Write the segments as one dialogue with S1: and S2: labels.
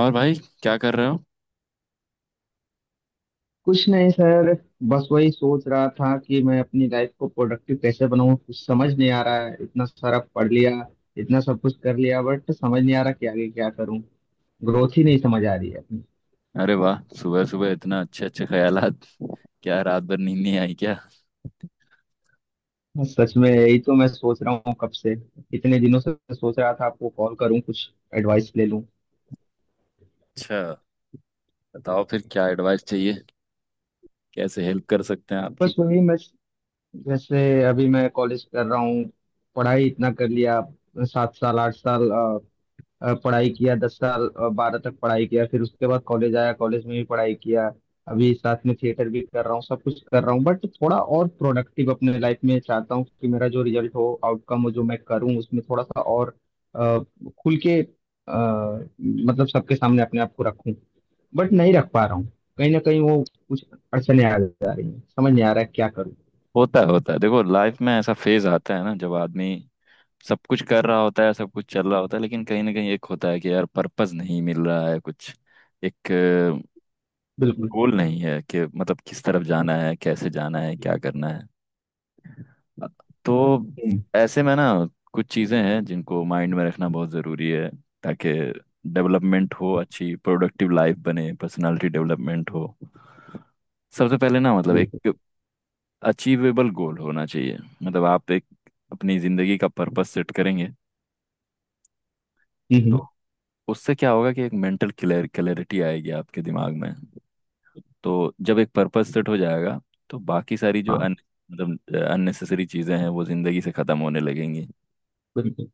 S1: और भाई, क्या कर रहे हो?
S2: कुछ नहीं सर। बस वही सोच रहा था कि मैं अपनी लाइफ को प्रोडक्टिव कैसे बनाऊं, कुछ समझ नहीं आ रहा है, इतना सारा पढ़ लिया, इतना सब कुछ कर लिया बट समझ नहीं आ रहा कि आगे क्या करूं। ग्रोथ ही नहीं समझ आ रही है अपनी।
S1: अरे वाह, सुबह सुबह इतना अच्छे अच्छे ख्यालात। क्या रात भर नींद नहीं आई क्या?
S2: बस सच में यही तो मैं सोच रहा हूँ, कब से कितने दिनों से सोच रहा था आपको कॉल करूँ, कुछ एडवाइस ले लूँ।
S1: अच्छा, बताओ फिर क्या एडवाइस चाहिए, कैसे हेल्प कर सकते हैं
S2: बस
S1: आपकी।
S2: वही मैं, जैसे अभी मैं कॉलेज कर रहा हूँ। पढ़ाई इतना कर लिया, 7 साल 8 साल पढ़ाई किया, 10 साल बारह तक पढ़ाई किया, फिर उसके बाद कॉलेज आया, कॉलेज में भी पढ़ाई किया। अभी साथ में थिएटर भी कर रहा हूँ, सब कुछ कर रहा हूँ बट थोड़ा और प्रोडक्टिव अपने लाइफ में चाहता हूँ कि मेरा जो रिजल्ट हो आउटकम हो जो मैं करूँ उसमें थोड़ा सा और अ, खुल के मतलब सबके सामने अपने आप को रखूँ, बट नहीं रख पा रहा हूँ। कहीं ना कहीं वो कुछ अड़चने आ जा रही हैं, समझ नहीं आ रहा है क्या करूँ।
S1: होता है। देखो, लाइफ में ऐसा फेज आता है ना, जब आदमी सब कुछ कर रहा होता है, सब कुछ चल रहा होता है, लेकिन कहीं ना कहीं एक होता है कि यार पर्पस नहीं मिल रहा है, कुछ एक
S2: बिल्कुल।
S1: गोल नहीं है कि मतलब किस तरफ जाना है, कैसे जाना है, क्या करना है। तो
S2: हम्म,
S1: ऐसे में ना, कुछ चीज़ें हैं जिनको माइंड में रखना बहुत ज़रूरी है, ताकि डेवलपमेंट हो, अच्छी प्रोडक्टिव लाइफ बने, पर्सनालिटी डेवलपमेंट हो। सबसे पहले ना, मतलब
S2: बिल्कुल।
S1: एक अचीवेबल गोल होना चाहिए। मतलब आप एक अपनी ज़िंदगी का पर्पस सेट करेंगे, तो
S2: हम्म।
S1: उससे क्या होगा कि एक मेंटल क्लियर क्लैरिटी आएगी आपके दिमाग में। तो जब एक पर्पस सेट हो जाएगा, तो बाकी सारी जो
S2: हाँ,
S1: अन मतलब अननेसेसरी चीज़ें हैं, वो ज़िंदगी से ख़त्म होने लगेंगी।
S2: बिल्कुल।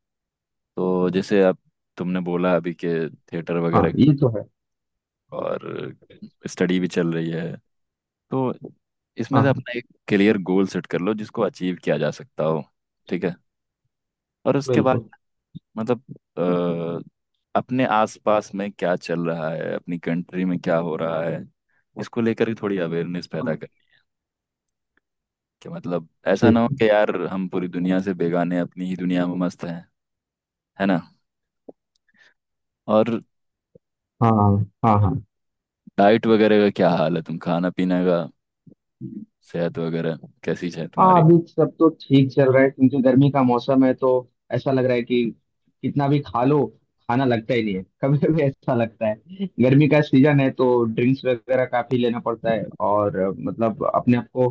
S1: तो जैसे आप, तुमने बोला अभी के थिएटर
S2: हाँ,
S1: वगैरह,
S2: ये तो है।
S1: और स्टडी भी चल रही है, तो इसमें
S2: हाँ
S1: से
S2: हाँ,
S1: अपना एक क्लियर गोल सेट कर लो जिसको अचीव किया जा सकता हो। ठीक है, और उसके बाद
S2: बिल्कुल।
S1: मतलब अपने आसपास में क्या चल रहा है, अपनी कंट्री में क्या हो रहा है, इसको लेकर के थोड़ी अवेयरनेस पैदा
S2: हाँ।
S1: करें। कि मतलब ऐसा ना
S2: ठीक
S1: हो
S2: है।
S1: कि यार हम पूरी दुनिया से बेगाने अपनी ही दुनिया में मस्त हैं, है ना। और
S2: हाँ हाँ हाँ।
S1: डाइट वगैरह का क्या हाल है, तुम खाना पीना का, सेहत वगैरह कैसी है
S2: हाँ,
S1: तुम्हारी?
S2: अभी सब तो ठीक चल रहा है क्योंकि गर्मी का मौसम है तो ऐसा लग रहा है कि कितना भी खा लो खाना लगता ही नहीं है, कभी कभी ऐसा लगता है। गर्मी का सीजन है तो ड्रिंक्स वगैरह काफी लेना पड़ता है और मतलब अपने आप को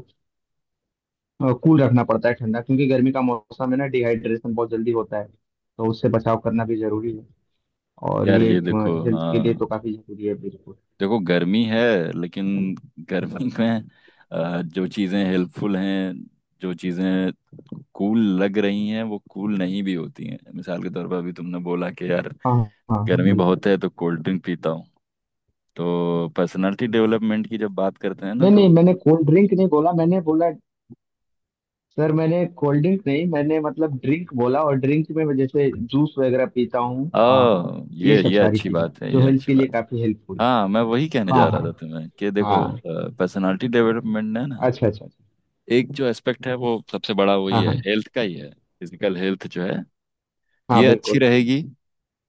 S2: कूल रखना पड़ता है, ठंडा, क्योंकि गर्मी का मौसम है ना, डिहाइड्रेशन बहुत जल्दी होता है तो उससे बचाव करना भी जरूरी है। और
S1: यार
S2: ये
S1: ये बहुत, देखो,
S2: हेल्थ के लिए
S1: हाँ,
S2: तो काफी जरूरी है, बिल्कुल।
S1: देखो गर्मी है, लेकिन गर्मी में जो चीज़ें हेल्पफुल हैं, जो चीज़ें कूल लग रही हैं वो कूल नहीं भी होती हैं। मिसाल के तौर पर अभी तुमने बोला कि यार
S2: हाँ हाँ।
S1: गर्मी
S2: बिल्कुल।
S1: बहुत है तो कोल्ड ड्रिंक पीता हूँ, तो पर्सनालिटी डेवलपमेंट की जब बात करते हैं ना,
S2: नहीं
S1: तो
S2: नहीं, मैंने कोल्ड ड्रिंक नहीं बोला, मैंने बोला सर मैंने कोल्ड ड्रिंक नहीं, मैंने मतलब ड्रिंक बोला और ड्रिंक में मैं जैसे जूस वगैरह पीता हूँ ये सब
S1: ये
S2: सारी
S1: अच्छी
S2: चीजें
S1: बात है,
S2: जो
S1: ये
S2: हेल्थ
S1: अच्छी
S2: के लिए
S1: बात है।
S2: काफी हेल्पफुल है।
S1: हाँ, मैं वही कहने जा
S2: हाँ
S1: रहा था
S2: हाँ
S1: तुम्हें कि देखो,
S2: हाँ।
S1: पर्सनालिटी डेवलपमेंट है ना,
S2: अच्छा अच्छा अच्छा।
S1: एक जो एस्पेक्ट है वो सबसे बड़ा वही
S2: हाँ
S1: है,
S2: हाँ
S1: हेल्थ का ही है। फिजिकल हेल्थ जो है,
S2: हाँ,
S1: ये अच्छी
S2: बिल्कुल।
S1: रहेगी,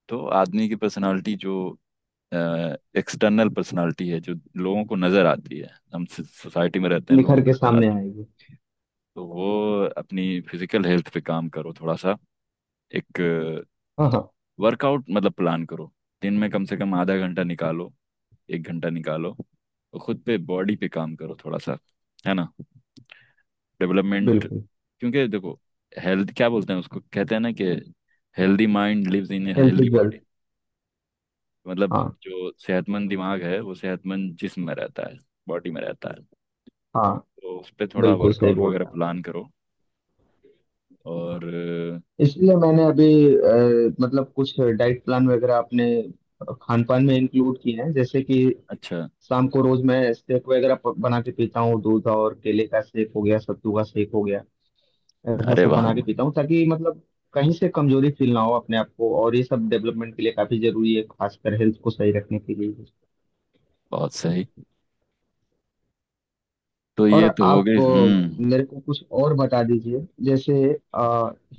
S1: तो आदमी की पर्सनालिटी जो एक्सटर्नल पर्सनालिटी है, जो लोगों को नजर आती है, हम सोसाइटी में रहते हैं, लोगों
S2: निखर के
S1: को नजर
S2: सामने
S1: आती
S2: आएगी।
S1: है, तो वो अपनी फिजिकल हेल्थ पे काम करो थोड़ा सा। एक
S2: हाँ हाँ।
S1: वर्कआउट मतलब प्लान करो, दिन में कम से कम आधा घंटा निकालो, एक घंटा निकालो, और खुद पे, बॉडी पे काम करो थोड़ा सा, है ना। डेवलपमेंट,
S2: बिल्कुल।
S1: क्योंकि देखो, हेल्थ क्या बोलते हैं उसको, कहते हैं ना कि healthy mind lives in
S2: health
S1: healthy
S2: is
S1: body.
S2: Wealth.
S1: मतलब
S2: हाँ
S1: जो सेहतमंद दिमाग है वो सेहतमंद जिस्म में रहता है, बॉडी में रहता है।
S2: हाँ।
S1: तो उस पर थोड़ा
S2: बिल्कुल सही
S1: वर्कआउट
S2: बोल
S1: वगैरह
S2: रहा हूँ।
S1: प्लान करो। और
S2: हाँ। इसलिए मैंने अभी मतलब कुछ डाइट प्लान वगैरह अपने खान पान में इंक्लूड किए हैं, जैसे कि
S1: अच्छा,
S2: शाम को रोज मैं शेक वगैरह बना के पीता हूँ, दूध और केले का शेक हो गया, सत्तू का शेक हो गया, ऐसा
S1: अरे
S2: सब
S1: वाह,
S2: बना के पीता हूँ ताकि मतलब कहीं से कमजोरी फील ना हो अपने आप को, और ये सब डेवलपमेंट के लिए काफी जरूरी है, खासकर हेल्थ को सही रखने के लिए।
S1: बहुत सही। तो ये
S2: और
S1: तो हो गई।
S2: आप
S1: हम्म।
S2: मेरे को कुछ और बता दीजिए, जैसे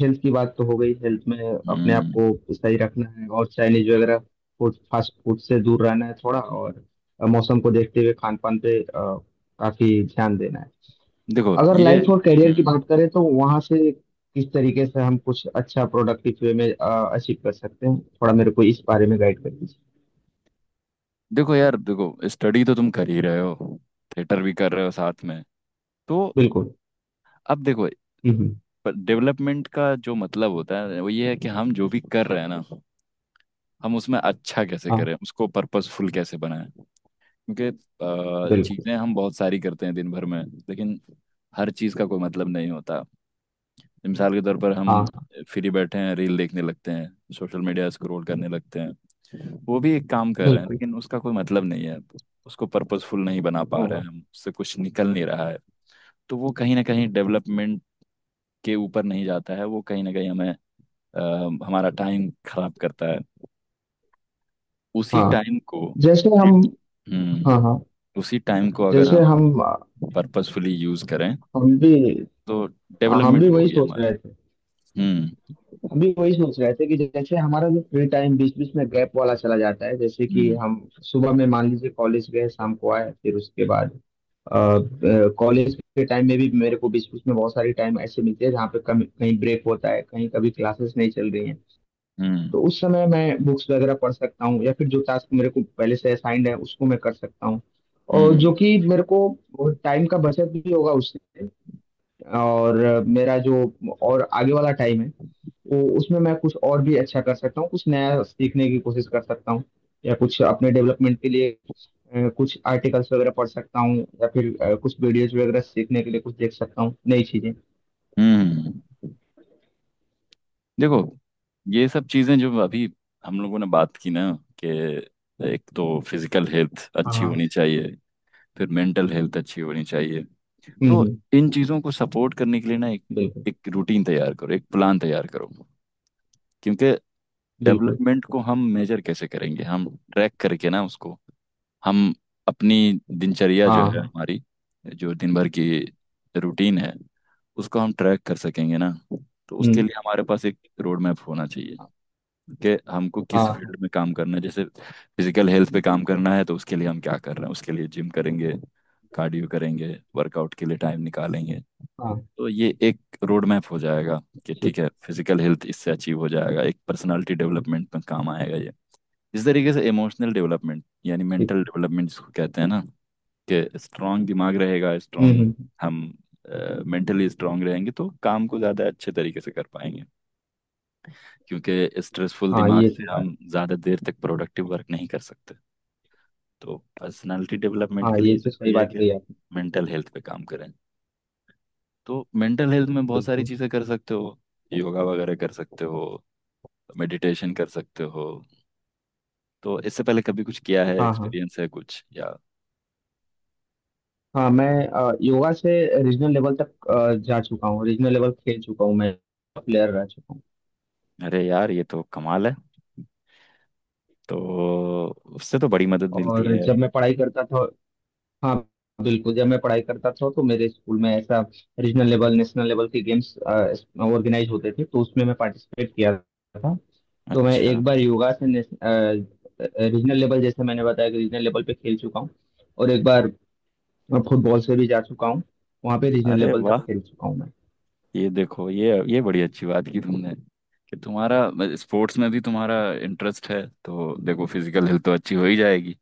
S2: हेल्थ की बात तो हो गई, हेल्थ में अपने आप
S1: हम्म।
S2: को सही रखना है और चाइनीज वगैरह फूड, फास्ट फूड से दूर रहना है थोड़ा और मौसम को देखते हुए खान पान पे काफी ध्यान देना है।
S1: देखो
S2: अगर
S1: ये।
S2: लाइफ और करियर की
S1: हम्म।
S2: बात करें तो वहां से किस तरीके से हम कुछ अच्छा प्रोडक्टिव वे में अचीव कर सकते हैं, थोड़ा मेरे को इस बारे में गाइड कर दीजिए।
S1: देखो यार, देखो स्टडी तो तुम कर ही रहे हो, थिएटर भी कर रहे हो साथ में, तो
S2: बिल्कुल।
S1: अब देखो,
S2: हम्म हम्म,
S1: पर डेवलपमेंट का जो मतलब होता है वो ये है कि हम जो भी कर रहे हैं ना, हम उसमें अच्छा कैसे करें,
S2: हाँ
S1: उसको पर्पसफुल कैसे बनाएं। क्योंकि
S2: बिल्कुल।
S1: चीज़ें हम बहुत सारी करते हैं दिन भर में, लेकिन हर चीज़ का कोई मतलब नहीं होता। मिसाल के तौर पर
S2: हाँ
S1: हम
S2: हाँ,
S1: फ्री बैठे हैं, रील देखने लगते हैं, सोशल मीडिया स्क्रॉल करने लगते हैं, वो भी एक काम कर रहे हैं,
S2: बिल्कुल।
S1: लेकिन उसका कोई मतलब नहीं है। उसको पर्पसफुल नहीं बना
S2: हाँ
S1: पा रहे हैं
S2: हाँ
S1: हम, उससे कुछ निकल नहीं रहा है। तो वो कहीं ना कहीं डेवलपमेंट के ऊपर नहीं जाता है, वो कहीं ना कहीं हमें अ, हमारा टाइम खराब करता है। उसी
S2: हाँ।
S1: टाइम को
S2: जैसे
S1: उसी-
S2: हम। हाँ
S1: हम्म।
S2: हाँ।
S1: उसी टाइम को अगर
S2: जैसे
S1: हम
S2: हम।
S1: पर्पसफुली यूज करें,
S2: हम भी।
S1: तो
S2: हाँ, हम भी
S1: डेवलपमेंट
S2: वही
S1: होगी
S2: सोच
S1: हमारे।
S2: रहे थे।
S1: हम्म।
S2: अभी वही सोच रहे थे कि जैसे हमारा जो फ्री टाइम बीच बीच में गैप वाला चला जाता है, जैसे कि
S1: हम्म।
S2: हम सुबह में मान लीजिए कॉलेज गए, शाम को आए, फिर उसके बाद कॉलेज के टाइम में भी मेरे को बीच बीच में बहुत सारी टाइम ऐसे मिलते हैं जहाँ पे कभी कहीं ब्रेक होता है, कहीं कभी क्लासेस नहीं चल रही हैं,
S1: हम्म।
S2: तो उस समय मैं बुक्स वगैरह पढ़ सकता हूँ या फिर जो टास्क मेरे को पहले से असाइंड है उसको मैं कर सकता हूँ, और जो
S1: हम्म।
S2: कि मेरे को टाइम का बचत भी होगा उससे, और मेरा जो और आगे वाला टाइम है तो उसमें मैं कुछ और भी अच्छा कर सकता हूँ, कुछ नया सीखने की कोशिश कर सकता हूँ, या कुछ अपने डेवलपमेंट के लिए कुछ आर्टिकल्स वगैरह पढ़ सकता हूँ या फिर कुछ वीडियोज वगैरह सीखने के लिए कुछ देख सकता हूँ, नई चीजें।
S1: हम्म। हम्म। देखो ये सब चीजें जो अभी हम लोगों ने बात की ना, कि एक तो फिजिकल हेल्थ
S2: हाँ
S1: अच्छी होनी
S2: हाँ।
S1: चाहिए, फिर मेंटल हेल्थ अच्छी होनी चाहिए,
S2: हम्म
S1: तो
S2: हम्म,
S1: इन चीजों को सपोर्ट करने के लिए ना, एक
S2: बिल्कुल
S1: एक रूटीन तैयार करो, एक प्लान तैयार करो। क्योंकि
S2: बिल्कुल।
S1: डेवलपमेंट को हम मेजर कैसे करेंगे, हम ट्रैक करके ना उसको। हम अपनी दिनचर्या
S2: हाँ
S1: जो है
S2: हाँ।
S1: हमारी, जो दिन भर की रूटीन है, उसको हम ट्रैक कर सकेंगे ना। तो उसके
S2: हम्म,
S1: लिए हमारे पास एक रोड मैप होना चाहिए कि हमको
S2: हाँ
S1: किस
S2: हाँ,
S1: फील्ड में काम करना है। जैसे फिजिकल हेल्थ पे काम
S2: बिल्कुल।
S1: करना है, तो उसके लिए हम क्या कर रहे हैं, उसके लिए जिम करेंगे, कार्डियो करेंगे, वर्कआउट के लिए टाइम निकालेंगे।
S2: हाँ,
S1: तो ये एक रोड मैप हो जाएगा कि ठीक
S2: ठीक
S1: है, फिजिकल हेल्थ इससे अचीव हो जाएगा, एक पर्सनालिटी डेवलपमेंट में काम आएगा ये। इस तरीके से इमोशनल डेवलपमेंट यानी
S2: ठीक।
S1: मेंटल डेवलपमेंट जिसको कहते हैं ना, कि स्ट्रांग दिमाग रहेगा, स्ट्रांग
S2: हम्म।
S1: हम मेंटली स्ट्रांग रहेंगे, तो काम को ज़्यादा अच्छे तरीके से कर पाएंगे। क्योंकि स्ट्रेसफुल
S2: हाँ
S1: दिमाग
S2: ये तो
S1: से
S2: बात।
S1: हम ज़्यादा देर तक प्रोडक्टिव वर्क नहीं कर सकते। तो पर्सनालिटी डेवलपमेंट
S2: हाँ
S1: के
S2: ये
S1: लिए
S2: तो सही
S1: ज़रूरी है
S2: बात
S1: कि हम
S2: कही आपने।
S1: मेंटल हेल्थ पे काम करें। तो मेंटल हेल्थ में बहुत सारी
S2: बिल्कुल।
S1: चीज़ें कर सकते हो, योगा वगैरह कर सकते हो, मेडिटेशन कर सकते हो। तो इससे पहले कभी कुछ किया है,
S2: हाँ हाँ।
S1: एक्सपीरियंस है कुछ या?
S2: हाँ मैं योगा से रीजनल लेवल तक जा चुका हूँ, रीजनल लेवल खेल चुका हूँ मैं, प्लेयर रह चुका हूँ।
S1: अरे यार, ये तो कमाल है। तो उससे तो बड़ी मदद मिलती
S2: और
S1: है।
S2: जब मैं पढ़ाई करता था। हाँ, बिल्कुल, जब मैं पढ़ाई करता था तो मेरे स्कूल में ऐसा रीजनल लेवल नेशनल लेवल के गेम्स ऑर्गेनाइज होते थे तो उसमें मैं पार्टिसिपेट किया था। तो मैं
S1: अच्छा,
S2: एक बार योगा से रीजनल लेवल, जैसे मैंने बताया कि रीजनल लेवल पे खेल चुका हूँ। और एक बार फुटबॉल से भी जा चुका हूँ, वहाँ पे रीजनल
S1: अरे
S2: लेवल तक
S1: वाह,
S2: खेल चुका हूँ मैं।
S1: ये देखो, ये बड़ी अच्छी बात की तुमने, कि तुम्हारा स्पोर्ट्स में भी तुम्हारा इंटरेस्ट है, तो देखो फिजिकल हेल्थ तो अच्छी हो ही जाएगी,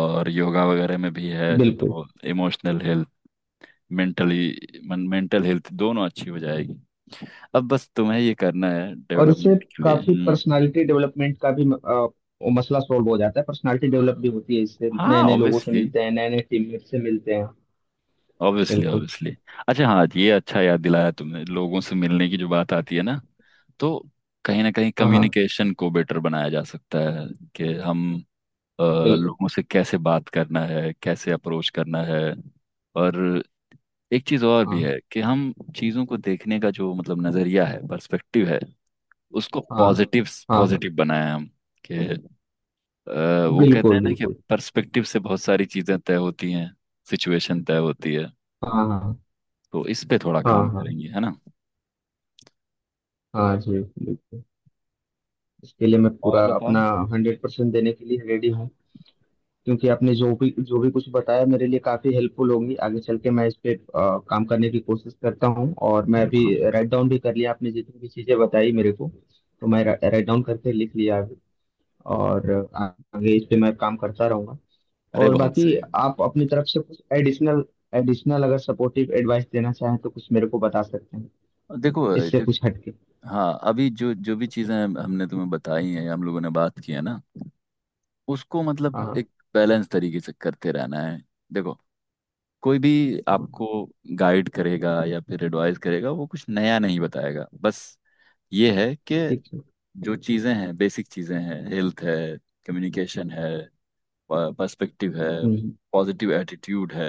S1: और योगा वगैरह में भी है
S2: बिल्कुल।
S1: तो इमोशनल हेल्थ, मेंटल हेल्थ दोनों अच्छी हो जाएगी। अब बस तुम्हें ये करना है
S2: और इससे
S1: डेवलपमेंट के लिए।
S2: काफी
S1: हम्म।
S2: पर्सनालिटी डेवलपमेंट का भी वो मसला सॉल्व हो जाता है, पर्सनालिटी डेवलप भी होती है, इससे
S1: हाँ
S2: नए नए लोगों से
S1: ऑब्वियसली,
S2: मिलते हैं, नए नए टीममेट से मिलते हैं।
S1: ऑब्वियसली
S2: बिल्कुल।
S1: ऑब्वियसली। अच्छा, हाँ ये अच्छा याद दिलाया तुमने, लोगों से मिलने की जो बात आती है ना, तो कहीं ना कहीं
S2: हाँ हाँ।
S1: कम्युनिकेशन को बेटर बनाया जा सकता है कि हम
S2: बिल्कुल।
S1: लोगों से कैसे बात करना है, कैसे अप्रोच करना है। और एक चीज और भी
S2: हाँ
S1: है कि हम चीजों को देखने का जो मतलब नजरिया है, पर्सपेक्टिव है, उसको
S2: हाँ
S1: पॉजिटिव,
S2: हाँ। हाँ
S1: पॉजिटिव बनाया हम। कि वो कहते हैं
S2: बिल्कुल
S1: ना कि
S2: बिल्कुल।
S1: पर्सपेक्टिव से बहुत सारी चीजें तय होती हैं, सिचुएशन तय होती है।
S2: हाँ हाँ
S1: तो इस पे थोड़ा
S2: हाँ।
S1: काम
S2: हाँ
S1: करेंगे, है ना।
S2: हाँ जी। बिल्कुल। इसके लिए मैं
S1: और
S2: पूरा अपना
S1: बताओ।
S2: 100% देने के लिए रेडी हूँ। क्योंकि आपने जो भी कुछ बताया मेरे लिए काफ़ी हेल्पफुल होगी आगे चल के, मैं इस पे काम करने की कोशिश करता हूँ, और मैं अभी
S1: बिल्कुल बिल्कुल
S2: राइट डाउन भी कर लिया, आपने जितनी भी चीज़ें बताई मेरे को, तो मैं राइट डाउन करके लिख लिया अभी, और आ- आगे इस पे मैं काम करता रहूँगा।
S1: अरे
S2: और
S1: बहुत
S2: बाकी
S1: सही।
S2: आप अपनी तरफ से कुछ एडिशनल, अगर सपोर्टिव एडवाइस देना चाहें तो कुछ मेरे को बता सकते हैं,
S1: देखो
S2: इससे
S1: देख,
S2: कुछ हटके।
S1: हाँ, अभी जो जो भी चीजें हमने तुम्हें बताई हैं, हम लोगों ने बात की है ना, उसको
S2: हाँ
S1: मतलब
S2: हाँ
S1: एक बैलेंस तरीके से करते रहना है। देखो, कोई भी
S2: हाँ।
S1: आपको गाइड करेगा या फिर एडवाइस करेगा, वो कुछ नया नहीं बताएगा, बस ये है कि
S2: ठीक ठीक।
S1: जो चीजें हैं, बेसिक चीजें हैं, हेल्थ है, कम्युनिकेशन है, पर्सपेक्टिव है,
S2: हम्म,
S1: पॉजिटिव एटीट्यूड है,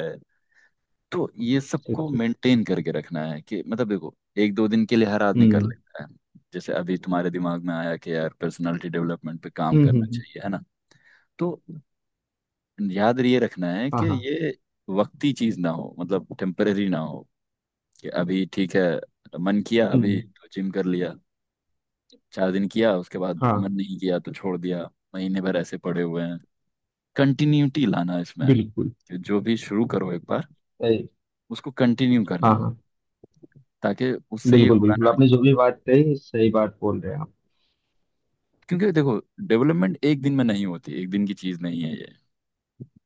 S1: तो ये
S2: ठीक
S1: सबको
S2: ठीक।
S1: मेंटेन करके रखना है। कि मतलब देखो, एक दो दिन के लिए हर आदमी कर
S2: हम्म
S1: लेता है। जैसे अभी तुम्हारे दिमाग में आया कि यार पर्सनालिटी डेवलपमेंट पे काम
S2: हम्म।
S1: करना चाहिए, है ना, तो याद ये रखना है कि
S2: हाँ हाँ।
S1: ये वक्ती चीज ना हो, मतलब टेम्परेरी ना हो। कि अभी ठीक है, मन किया अभी
S2: हम्म।
S1: तो जिम कर लिया, चार दिन किया उसके बाद मन
S2: हाँ
S1: नहीं किया तो छोड़ दिया, महीने भर ऐसे पड़े हुए हैं। कंटिन्यूटी लाना इसमें,
S2: बिल्कुल।
S1: कि जो भी शुरू करो एक बार, उसको कंटिन्यू
S2: हाँ
S1: करना,
S2: हाँ
S1: ताकि उससे ये
S2: बिल्कुल।
S1: होगा
S2: बिल्कुल
S1: ना।
S2: आपने जो भी बात कही, सही बात बोल रहे हैं आप।
S1: क्योंकि देखो, डेवलपमेंट एक दिन में नहीं होती, एक दिन की चीज नहीं है ये।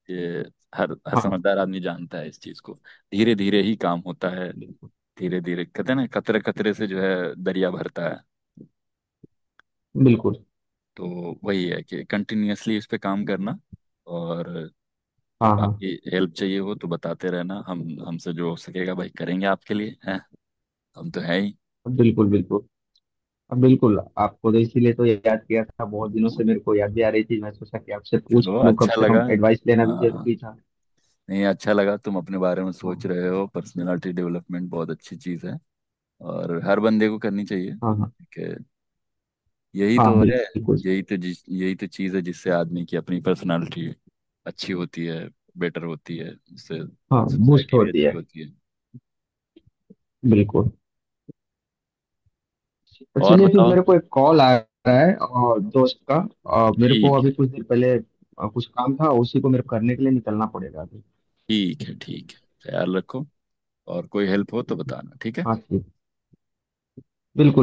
S1: ये हर हर
S2: हाँ।
S1: समझदार आदमी जानता है इस चीज को। धीरे धीरे ही काम होता है।
S2: बिल्कुल
S1: धीरे धीरे, कहते हैं ना कतरे कतरे से जो है, दरिया भरता है।
S2: बिल्कुल।
S1: तो वही है कि कंटिन्यूअसली इस पे काम करना। और
S2: हाँ हाँ।
S1: बाकी हेल्प चाहिए हो तो बताते रहना, हम, हमसे जो हो सकेगा भाई करेंगे आपके लिए, हैं, हम तो है ही।
S2: बिल्कुल बिल्कुल। अब बिल्कुल आपको तो इसीलिए तो याद किया था, बहुत दिनों से मेरे को याद भी आ रही थी, मैं सोचा कि आपसे पूछ
S1: चलो,
S2: लूँ कम
S1: अच्छा
S2: से कम,
S1: लगा।
S2: एडवाइस लेना भी
S1: हाँ,
S2: जरूरी था।
S1: नहीं, अच्छा लगा तुम अपने बारे में सोच
S2: हाँ
S1: रहे हो, पर्सनालिटी डेवलपमेंट बहुत अच्छी चीज़ है, और हर बंदे को करनी चाहिए।
S2: हाँ हाँ।
S1: कि यही
S2: हाँ
S1: तो है,
S2: बिल्कुल।
S1: यही तो चीज़ है जिससे आदमी की अपनी पर्सनालिटी अच्छी होती है, बेटर होती है, उससे
S2: हाँ, बूस्ट
S1: सोसाइटी भी
S2: होती
S1: अच्छी
S2: है।
S1: होती है।
S2: बिल्कुल। तो
S1: और
S2: चलिए फिर,
S1: बताओ।
S2: मेरे को एक कॉल आ रहा है और दोस्त का, और मेरे को
S1: ठीक है,
S2: अभी कुछ देर पहले कुछ काम था उसी को मेरे को करने के लिए निकलना पड़ेगा अभी।
S1: ठीक है, ठीक है, ख्याल रखो, और कोई हेल्प हो तो बताना, ठीक है।
S2: हाँ जी। बिल्कुल।